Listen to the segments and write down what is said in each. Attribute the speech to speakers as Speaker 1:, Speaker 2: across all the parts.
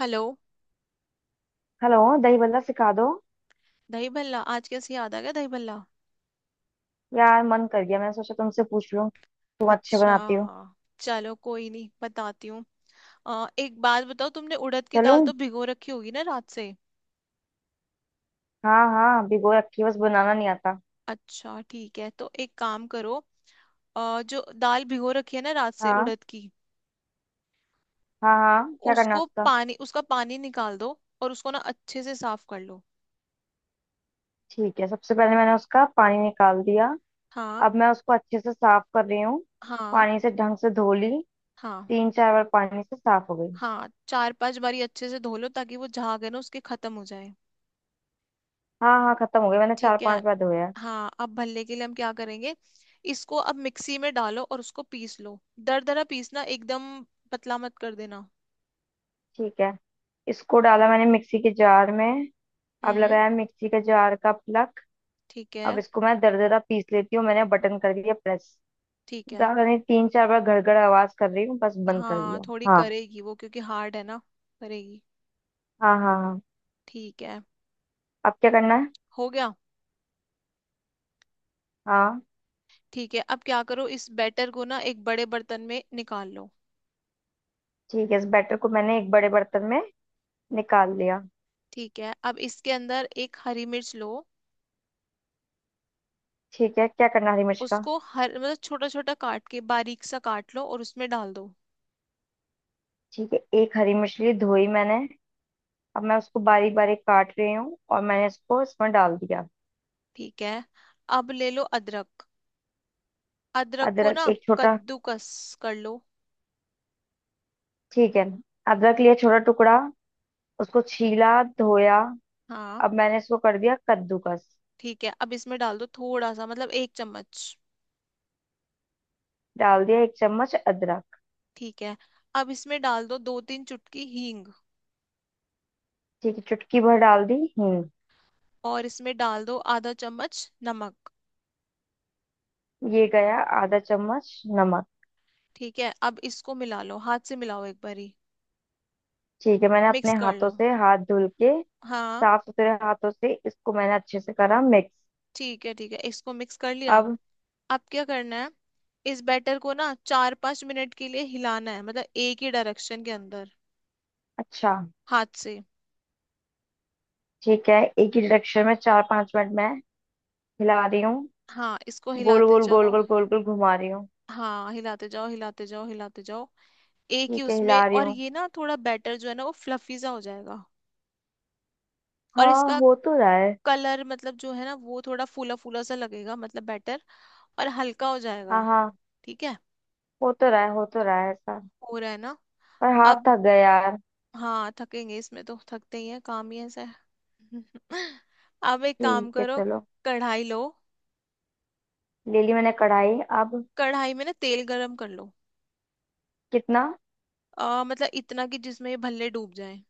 Speaker 1: Hello.
Speaker 2: Hello. दही बल्ला सिखा दो।
Speaker 1: दही भल्ला आज कैसे याद आ गया दही भल्ला?
Speaker 2: यार, मन कर गया, मैंने सोचा तुमसे पूछ लूं, तुम अच्छे
Speaker 1: अच्छा।
Speaker 2: बनाती हो।
Speaker 1: चलो कोई नहीं बताती हूँ। एक बात बताओ, तुमने उड़द की दाल
Speaker 2: चलूं।
Speaker 1: तो भिगो रखी होगी ना रात से?
Speaker 2: हाँ हाँ, भिगो रखी है, बस बनाना नहीं आता।
Speaker 1: अच्छा ठीक है, तो एक काम करो। जो दाल भिगो रखी है ना रात से
Speaker 2: हाँ
Speaker 1: उड़द की,
Speaker 2: हाँ हाँ, क्या करना है
Speaker 1: उसको
Speaker 2: उसका।
Speaker 1: पानी उसका पानी निकाल दो और उसको ना अच्छे से साफ कर लो।
Speaker 2: ठीक है, सबसे पहले मैंने उसका पानी निकाल दिया।
Speaker 1: हाँ,
Speaker 2: अब मैं उसको अच्छे से साफ कर रही हूँ।
Speaker 1: हाँ,
Speaker 2: पानी से ढंग से धो ली।
Speaker 1: हाँ,
Speaker 2: 3-4 बार पानी से साफ हो गई।
Speaker 1: हाँ, चार पांच बारी अच्छे से धो लो ताकि वो झाग है ना उसके खत्म हो जाए।
Speaker 2: हाँ हाँ, खत्म हो गई, मैंने चार
Speaker 1: ठीक है।
Speaker 2: पांच बार धोया है।
Speaker 1: हाँ, अब भल्ले के लिए हम क्या करेंगे। इसको अब मिक्सी में डालो और उसको पीस लो। दरदरा पीसना एकदम। पतला मत कर देना।
Speaker 2: ठीक है। इसको डाला मैंने मिक्सी के जार में। अब
Speaker 1: हम्म।
Speaker 2: लगाया मिक्सी के जार का प्लग।
Speaker 1: ठीक
Speaker 2: अब
Speaker 1: है।
Speaker 2: इसको मैं दरदरा पीस लेती हूँ, मैंने बटन कर दिया प्रेस।
Speaker 1: ठीक है।
Speaker 2: ज्यादा नहीं, 3-4 बार गड़गड़ आवाज कर रही हूँ, बस बंद कर
Speaker 1: हाँ,
Speaker 2: दिया।
Speaker 1: थोड़ी
Speaker 2: हाँ
Speaker 1: करेगी वो, क्योंकि हार्ड है ना। करेगी।
Speaker 2: हाँ हाँ हाँ।
Speaker 1: ठीक है।
Speaker 2: अब क्या करना है।
Speaker 1: हो गया।
Speaker 2: हाँ।
Speaker 1: ठीक है, अब क्या करो, इस बैटर को ना एक बड़े बर्तन में निकाल लो।
Speaker 2: ठीक है, इस बैटर को मैंने एक बड़े बर्तन में निकाल लिया।
Speaker 1: ठीक है, अब इसके अंदर एक हरी मिर्च लो।
Speaker 2: ठीक है, क्या करना है हरी मिर्च का।
Speaker 1: उसको हर मतलब छोटा छोटा काट के बारीक सा काट लो और उसमें डाल दो।
Speaker 2: ठीक है, एक हरी मिर्च ली, धोई मैंने। अब मैं उसको बारीक बारीक काट रही हूँ और मैंने इसको इसमें डाल दिया।
Speaker 1: ठीक है। अब ले लो अदरक। अदरक को
Speaker 2: अदरक
Speaker 1: ना
Speaker 2: एक छोटा।
Speaker 1: कद्दूकस कर लो।
Speaker 2: ठीक है। अदरक लिया छोटा टुकड़ा। उसको छीला। धोया।
Speaker 1: हाँ
Speaker 2: अब मैंने इसको कर दिया कद्दूकस।
Speaker 1: ठीक है, अब इसमें डाल दो थोड़ा सा मतलब एक चम्मच।
Speaker 2: डाल दिया एक चम्मच अदरक।
Speaker 1: ठीक है। अब इसमें डाल दो दो तीन चुटकी हींग।
Speaker 2: ठीक है, चुटकी भर डाल दी हींग।
Speaker 1: और इसमें डाल दो आधा चम्मच नमक।
Speaker 2: ये गया आधा चम्मच नमक।
Speaker 1: ठीक है, अब इसको मिला लो, हाथ से मिलाओ एक बारी।
Speaker 2: ठीक है, मैंने
Speaker 1: मिक्स
Speaker 2: अपने
Speaker 1: कर
Speaker 2: हाथों
Speaker 1: लो।
Speaker 2: से, हाथ धुल के,
Speaker 1: हाँ।
Speaker 2: साफ सुथरे हाथों से इसको मैंने अच्छे से करा मिक्स।
Speaker 1: ठीक है, ठीक है, इसको मिक्स कर लिया।
Speaker 2: अब।
Speaker 1: अब क्या करना है, इस बैटर को ना चार पांच मिनट के लिए हिलाना है, मतलब एक ही डायरेक्शन के अंदर।
Speaker 2: अच्छा।
Speaker 1: हाथ से।
Speaker 2: ठीक है, एक ही डायरेक्शन में 4-5 मिनट मैं हिला रही हूँ।
Speaker 1: हाँ, इसको
Speaker 2: गोल
Speaker 1: हिलाते
Speaker 2: गोल गोल
Speaker 1: जाओ।
Speaker 2: गोल गोल गोल घुमा रही हूँ।
Speaker 1: हाँ, हिलाते जाओ हिलाते जाओ हिलाते जाओ। एक ही
Speaker 2: ठीक है,
Speaker 1: उसमें,
Speaker 2: हिला रही
Speaker 1: और
Speaker 2: हूँ।
Speaker 1: ये ना थोड़ा बैटर जो है ना वो फ्लफी सा हो जाएगा। और
Speaker 2: हाँ,
Speaker 1: इसका
Speaker 2: हो तो रहा है।
Speaker 1: कलर मतलब जो है ना वो थोड़ा फूला फूला सा लगेगा, मतलब बैटर। और हल्का हो
Speaker 2: हाँ
Speaker 1: जाएगा।
Speaker 2: हाँ।
Speaker 1: ठीक है।
Speaker 2: हो तो रहा है, हो तो रहा है ऐसा।
Speaker 1: हो रहा है ना?
Speaker 2: पर हाथ
Speaker 1: अब,
Speaker 2: थक गया यार।
Speaker 1: हाँ थकेंगे, इसमें तो थकते ही है, काम ही ऐसा है। अब एक काम
Speaker 2: ठीक है,
Speaker 1: करो।
Speaker 2: चलो।
Speaker 1: कढ़ाई लो।
Speaker 2: ले ली मैंने कढ़ाई अब।
Speaker 1: कढ़ाई में ना तेल गरम कर लो।
Speaker 2: कितना।
Speaker 1: मतलब इतना कि जिसमें ये भल्ले डूब जाए।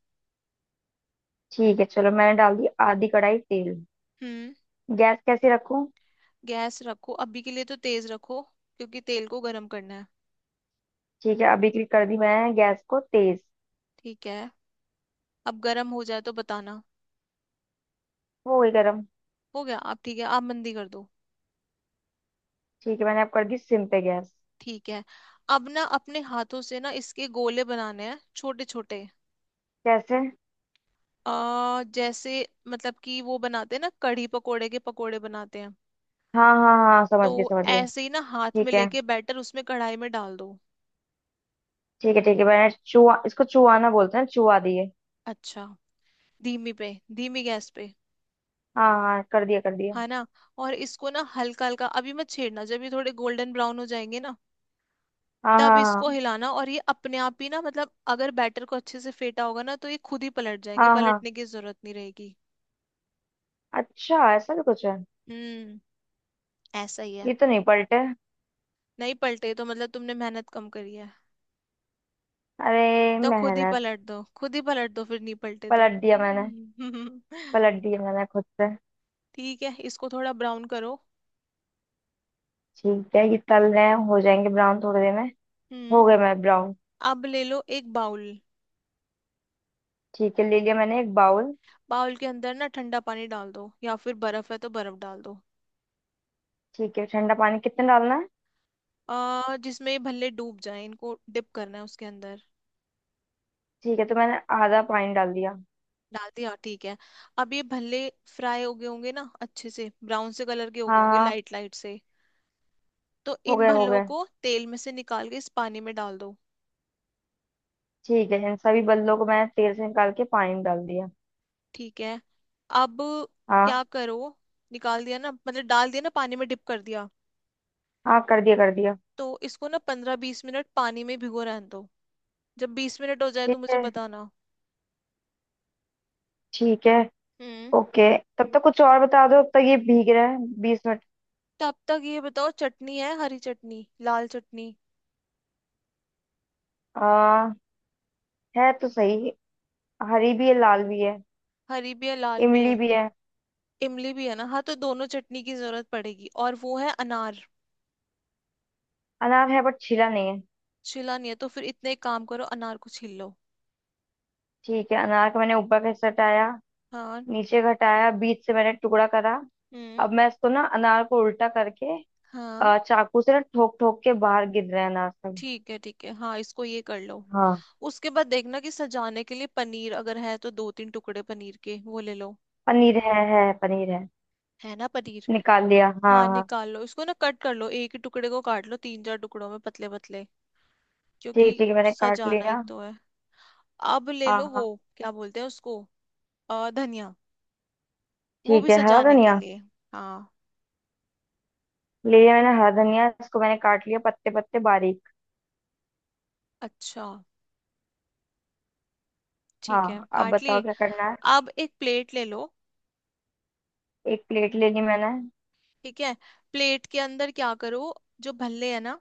Speaker 2: ठीक है, चलो, मैंने डाल दी आधी कढ़ाई तेल।
Speaker 1: हम्म।
Speaker 2: गैस कैसे रखूं।
Speaker 1: गैस रखो, अभी के लिए तो तेज रखो, क्योंकि तेल को गरम करना है।
Speaker 2: ठीक है, अभी क्लिक कर दी मैंने गैस को तेज।
Speaker 1: ठीक है, अब गरम हो जाए तो बताना।
Speaker 2: वो हो गई गर्म।
Speaker 1: हो गया आप? ठीक है, आप मंदी कर दो।
Speaker 2: ठीक है, मैंने अब कर दी सिम पे गैस।
Speaker 1: ठीक है, अब ना अपने हाथों से ना इसके गोले बनाने हैं, छोटे छोटे।
Speaker 2: कैसे।
Speaker 1: आ जैसे मतलब कि वो बनाते हैं ना कढ़ी पकोड़े के, पकोड़े बनाते हैं।
Speaker 2: हाँ हाँ हाँ, समझ
Speaker 1: तो
Speaker 2: गई समझ गई।
Speaker 1: ऐसे ही ना हाथ में
Speaker 2: ठीक है
Speaker 1: लेके बैटर उसमें कढ़ाई में डाल दो।
Speaker 2: ठीक है। ठीक है, मैंने चुआ, इसको चुआना बोलते हैं, चुआ दिए।
Speaker 1: अच्छा। धीमी पे, धीमी गैस पे।
Speaker 2: हाँ हाँ, कर दिया कर दिया।
Speaker 1: है ना। और इसको ना हल्का हल्का अभी मत छेड़ना, जब ये थोड़े गोल्डन ब्राउन हो जाएंगे ना,
Speaker 2: हाँ
Speaker 1: तब इसको
Speaker 2: हाँ
Speaker 1: हिलाना, और ये अपने आप ही ना, मतलब अगर बैटर को अच्छे से फेटा होगा ना तो ये खुद ही पलट जाएंगे,
Speaker 2: हाँ। हाँ हाँ।
Speaker 1: पलटने की जरूरत नहीं रहेगी।
Speaker 2: अच्छा, ऐसा भी कुछ है।
Speaker 1: हम्म। ऐसा ही है।
Speaker 2: ये तो नहीं पलटे।
Speaker 1: नहीं पलटे तो मतलब तुमने मेहनत कम करी है।
Speaker 2: अरे,
Speaker 1: तो खुद ही
Speaker 2: मेहनत।
Speaker 1: पलट दो, खुद ही पलट दो, फिर नहीं पलटे तो।
Speaker 2: पलट दिया मैंने।
Speaker 1: हम्म,
Speaker 2: पलट दिया मैंने खुद से।
Speaker 1: ठीक है, इसको थोड़ा ब्राउन करो।
Speaker 2: ठीक है, ये तल रहे हैं, हो जाएंगे ब्राउन थोड़ी देर में।
Speaker 1: हम्म।
Speaker 2: हो गए मैं ब्राउन।
Speaker 1: अब ले लो एक बाउल।
Speaker 2: ठीक है, ले लिया मैंने एक बाउल।
Speaker 1: बाउल के अंदर ना ठंडा पानी डाल दो, या फिर बर्फ है तो बर्फ डाल दो।
Speaker 2: ठीक है, ठंडा पानी कितना डालना है।
Speaker 1: जिसमें ये भल्ले डूब जाए, इनको डिप करना है उसके अंदर।
Speaker 2: ठीक है, तो मैंने आधा पानी डाल दिया।
Speaker 1: डाल दिया, ठीक है। अब ये भल्ले फ्राई हो गए होंगे ना अच्छे से, ब्राउन से कलर के हो
Speaker 2: हाँ
Speaker 1: गए होंगे,
Speaker 2: हाँ,
Speaker 1: लाइट लाइट से। तो
Speaker 2: हो
Speaker 1: इन
Speaker 2: गया हो
Speaker 1: भल्लों
Speaker 2: गया।
Speaker 1: को तेल में से निकाल के इस पानी में डाल दो।
Speaker 2: ठीक है, इन सभी बल्लों को मैंने तेल से निकाल के पानी में डाल दिया।
Speaker 1: ठीक है, अब
Speaker 2: हाँ
Speaker 1: क्या करो, निकाल दिया ना, मतलब डाल दिया ना, पानी में डिप कर दिया।
Speaker 2: हाँ, कर दिया कर दिया।
Speaker 1: तो इसको ना पंद्रह बीस मिनट पानी में भिगो रहने दो। जब 20 मिनट हो जाए
Speaker 2: ठीक
Speaker 1: तो मुझे
Speaker 2: है
Speaker 1: बताना।
Speaker 2: ठीक है।
Speaker 1: हम्म।
Speaker 2: ओके। तब तक कुछ और बता दो, तब तक ये भीग रहा है 20 मिनट।
Speaker 1: तब तक ये बताओ, चटनी है? हरी चटनी, लाल चटनी?
Speaker 2: आ, है तो सही। हरी भी है, लाल भी है।
Speaker 1: हरी भी है लाल भी है
Speaker 2: इमली भी है।
Speaker 1: इमली भी है ना, हाँ, तो दोनों चटनी की जरूरत पड़ेगी, और वो है अनार।
Speaker 2: अनार है, बट छिला नहीं है।
Speaker 1: छिला नहीं है, तो फिर इतने एक काम करो, अनार को छील लो।
Speaker 2: ठीक है, अनार का मैंने ऊपर का हिस्सा हटाया।
Speaker 1: हाँ।
Speaker 2: नीचे का हटाया, बीच से मैंने टुकड़ा करा।
Speaker 1: हम्म।
Speaker 2: अब मैं इसको ना, अनार को उल्टा करके,
Speaker 1: हाँ
Speaker 2: चाकू से ना, ठोक ठोक के बाहर गिर रहे हैं अनार सब।
Speaker 1: ठीक है, ठीक है, हाँ, इसको ये कर लो।
Speaker 2: हाँ।
Speaker 1: उसके बाद देखना कि सजाने के लिए पनीर अगर है तो दो तीन टुकड़े पनीर के वो ले लो।
Speaker 2: पनीर है पनीर है।
Speaker 1: है ना पनीर?
Speaker 2: निकाल लिया, हाँ
Speaker 1: हाँ,
Speaker 2: हाँ।
Speaker 1: निकाल लो, इसको ना कट कर लो, एक ही टुकड़े को काट लो तीन चार टुकड़ों में, पतले पतले,
Speaker 2: ठीक
Speaker 1: क्योंकि
Speaker 2: ठीक है, मैंने काट
Speaker 1: सजाना ही
Speaker 2: लिया।
Speaker 1: तो है। अब ले
Speaker 2: हाँ
Speaker 1: लो वो,
Speaker 2: हाँ।
Speaker 1: क्या बोलते हैं उसको, धनिया। वो
Speaker 2: ठीक
Speaker 1: भी
Speaker 2: है, हरा
Speaker 1: सजाने के
Speaker 2: धनिया।
Speaker 1: लिए। हाँ।
Speaker 2: ले लिया मैंने हरा धनिया, इसको मैंने काट लिया पत्ते पत्ते बारीक।
Speaker 1: अच्छा। ठीक है,
Speaker 2: हाँ, अब
Speaker 1: काट
Speaker 2: बताओ
Speaker 1: लिए।
Speaker 2: क्या करना है।
Speaker 1: अब एक प्लेट ले लो।
Speaker 2: एक प्लेट ले ली मैंने।
Speaker 1: ठीक है, प्लेट के अंदर क्या करो, जो भल्ले है ना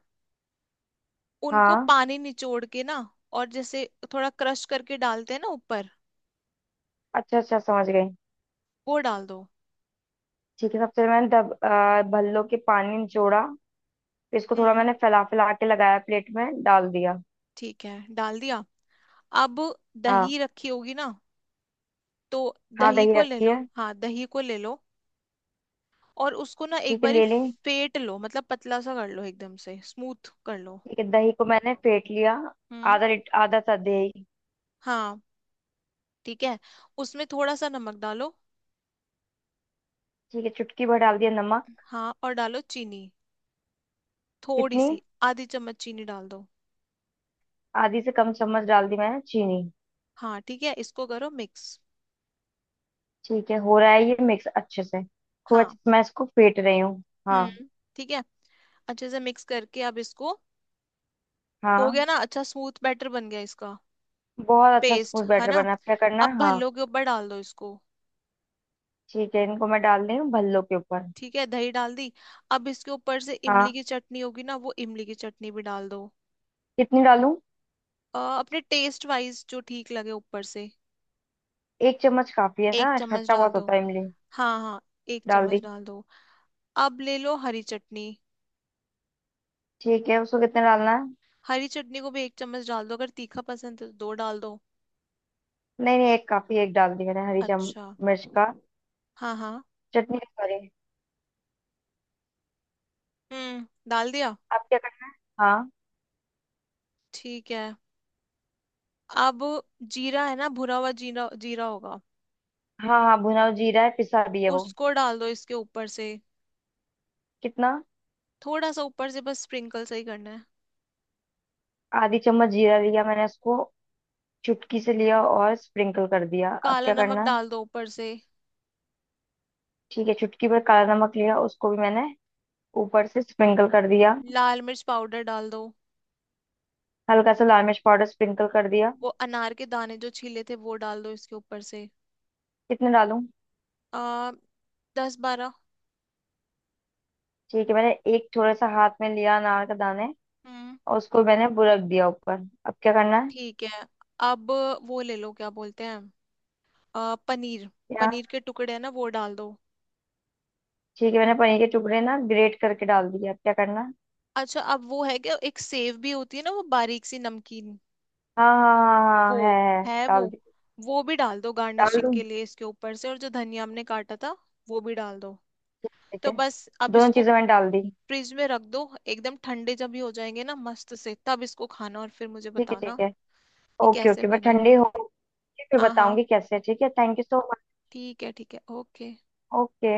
Speaker 1: उनको
Speaker 2: हाँ।
Speaker 1: पानी निचोड़ के ना, और जैसे थोड़ा क्रश करके डालते हैं ना ऊपर,
Speaker 2: अच्छा अच्छा, समझ गई।
Speaker 1: वो डाल दो।
Speaker 2: ठीक है, सबसे पहले मैंने भल्लो के पानी निचोड़ा। फिर इसको थोड़ा
Speaker 1: हम्म।
Speaker 2: मैंने फैला फैला के लगाया, प्लेट में डाल दिया।
Speaker 1: ठीक है, डाल दिया। अब,
Speaker 2: हाँ।
Speaker 1: दही रखी होगी ना, तो
Speaker 2: हाँ,
Speaker 1: दही
Speaker 2: दही
Speaker 1: को ले
Speaker 2: रखी
Speaker 1: लो,
Speaker 2: है।
Speaker 1: हाँ, दही को ले लो। और उसको ना एक
Speaker 2: ठीक है,
Speaker 1: बारी
Speaker 2: ले ली।
Speaker 1: फेट लो, मतलब पतला सा कर लो, एकदम से स्मूथ कर लो।
Speaker 2: ठीक है, दही को मैंने फेंट लिया।
Speaker 1: हम्म।
Speaker 2: आधा सा दही।
Speaker 1: हाँ ठीक है। उसमें थोड़ा सा नमक डालो।
Speaker 2: ठीक है, चुटकी भर डाल दिया नमक।
Speaker 1: हाँ, और डालो चीनी। थोड़ी
Speaker 2: कितनी।
Speaker 1: सी, आधी चम्मच चीनी डाल दो।
Speaker 2: आधी से कम चम्मच डाल दी मैंने चीनी।
Speaker 1: हाँ ठीक है, इसको करो मिक्स।
Speaker 2: ठीक है, हो रहा है ये मिक्स अच्छे से। खूब अच्छे
Speaker 1: हाँ।
Speaker 2: से मैं इसको फेंट रही हूँ। हाँ।
Speaker 1: हम्म। ठीक है। अच्छे से मिक्स करके, अब इसको, हो
Speaker 2: हाँ।
Speaker 1: गया ना अच्छा स्मूथ बैटर बन गया इसका,
Speaker 2: बहुत अच्छा
Speaker 1: पेस्ट
Speaker 2: स्मूथ
Speaker 1: है
Speaker 2: बैटर
Speaker 1: ना।
Speaker 2: बना है। अब क्या करना है,
Speaker 1: अब
Speaker 2: हाँ।
Speaker 1: भल्लो के ऊपर डाल दो इसको।
Speaker 2: ठीक है, इनको मैं डाल रही हूँ भल्लों के ऊपर।
Speaker 1: ठीक है, दही डाल दी। अब इसके ऊपर से इमली
Speaker 2: हाँ।
Speaker 1: की चटनी होगी ना, वो इमली की चटनी भी डाल दो।
Speaker 2: कितनी डालूं।
Speaker 1: अपने टेस्ट वाइज जो ठीक लगे ऊपर से।
Speaker 2: एक चम्मच काफी है
Speaker 1: एक
Speaker 2: ना,
Speaker 1: चम्मच
Speaker 2: खट्टा
Speaker 1: डाल
Speaker 2: बहुत
Speaker 1: दो।
Speaker 2: होता है इमली।
Speaker 1: हाँ हाँ, एक
Speaker 2: डाल
Speaker 1: चम्मच
Speaker 2: दी।
Speaker 1: डाल दो। अब ले लो हरी चटनी।
Speaker 2: ठीक है, उसको कितना डालना है।
Speaker 1: हरी चटनी को भी एक चम्मच डाल दो, अगर तीखा पसंद है तो दो डाल दो।
Speaker 2: नहीं नहीं, एक काफी, एक डाल दी मैंने हरी चम
Speaker 1: अच्छा।
Speaker 2: मिर्च का
Speaker 1: हाँ हाँ।
Speaker 2: चटनी का, सॉरी।
Speaker 1: हम्म, डाल दिया।
Speaker 2: अब क्या करना है। हाँ।
Speaker 1: ठीक है। अब, जीरा है ना, भुना हुआ जीरा, जीरा होगा।
Speaker 2: हाँ हाँ। भुना हुआ जीरा है, पिसा भी है वो।
Speaker 1: उसको डाल दो इसके ऊपर से।
Speaker 2: कितना।
Speaker 1: थोड़ा सा ऊपर से, बस स्प्रिंकल सही करना है।
Speaker 2: आधी चम्मच जीरा लिया मैंने उसको। चुटकी से लिया और स्प्रिंकल कर दिया, अब
Speaker 1: काला
Speaker 2: क्या
Speaker 1: नमक
Speaker 2: करना है?
Speaker 1: डाल दो ऊपर से।
Speaker 2: ठीक है, चुटकी भर काला नमक लिया उसको भी मैंने ऊपर से स्प्रिंकल कर दिया।
Speaker 1: लाल मिर्च पाउडर डाल दो।
Speaker 2: हल्का सा लाल मिर्च पाउडर स्प्रिंकल कर दिया।
Speaker 1: वो अनार के दाने जो छीले थे, वो डाल दो इसके ऊपर से।
Speaker 2: कितने डालूं।
Speaker 1: आ, दस बारह।
Speaker 2: ठीक है, मैंने एक थोड़ा सा हाथ में लिया अनार का दाने
Speaker 1: हम्म।
Speaker 2: और उसको मैंने बुरक दिया ऊपर। अब क्या करना है।
Speaker 1: ठीक है। अब वो ले लो, क्या बोलते हैं, पनीर।
Speaker 2: यहाँ।
Speaker 1: पनीर के टुकड़े है ना, वो डाल दो।
Speaker 2: ठीक है, मैंने पनीर के टुकड़े ना ग्रेट करके डाल दिया, अब क्या करना है?
Speaker 1: अच्छा, अब वो है क्या, एक सेव भी होती है ना, वो बारीक सी नमकीन।
Speaker 2: हाँ हाँ हाँ हाँ,
Speaker 1: वो
Speaker 2: है
Speaker 1: है वो
Speaker 2: डाल दी।
Speaker 1: वो भी डाल दो
Speaker 2: डाल
Speaker 1: गार्निशिंग
Speaker 2: दूं।
Speaker 1: के लिए इसके ऊपर से, और जो धनिया हमने काटा था वो भी डाल दो।
Speaker 2: ठीक है ठीक
Speaker 1: तो
Speaker 2: है।
Speaker 1: बस अब
Speaker 2: दोनों
Speaker 1: इसको
Speaker 2: चीजें मैंने डाल दी।
Speaker 1: फ्रिज में रख दो। एकदम ठंडे जब ये हो जाएंगे ना मस्त से, तब इसको खाना और फिर मुझे
Speaker 2: ठीक है ठीक
Speaker 1: बताना
Speaker 2: है,
Speaker 1: कि
Speaker 2: ओके
Speaker 1: कैसे
Speaker 2: ओके, मैं
Speaker 1: बने।
Speaker 2: ठंडी हो फिर
Speaker 1: हाँ हाँ।
Speaker 2: बताऊंगी कैसे। ठीक है, थैंक यू सो।
Speaker 1: ठीक है, ठीक है। ओके।
Speaker 2: ओके।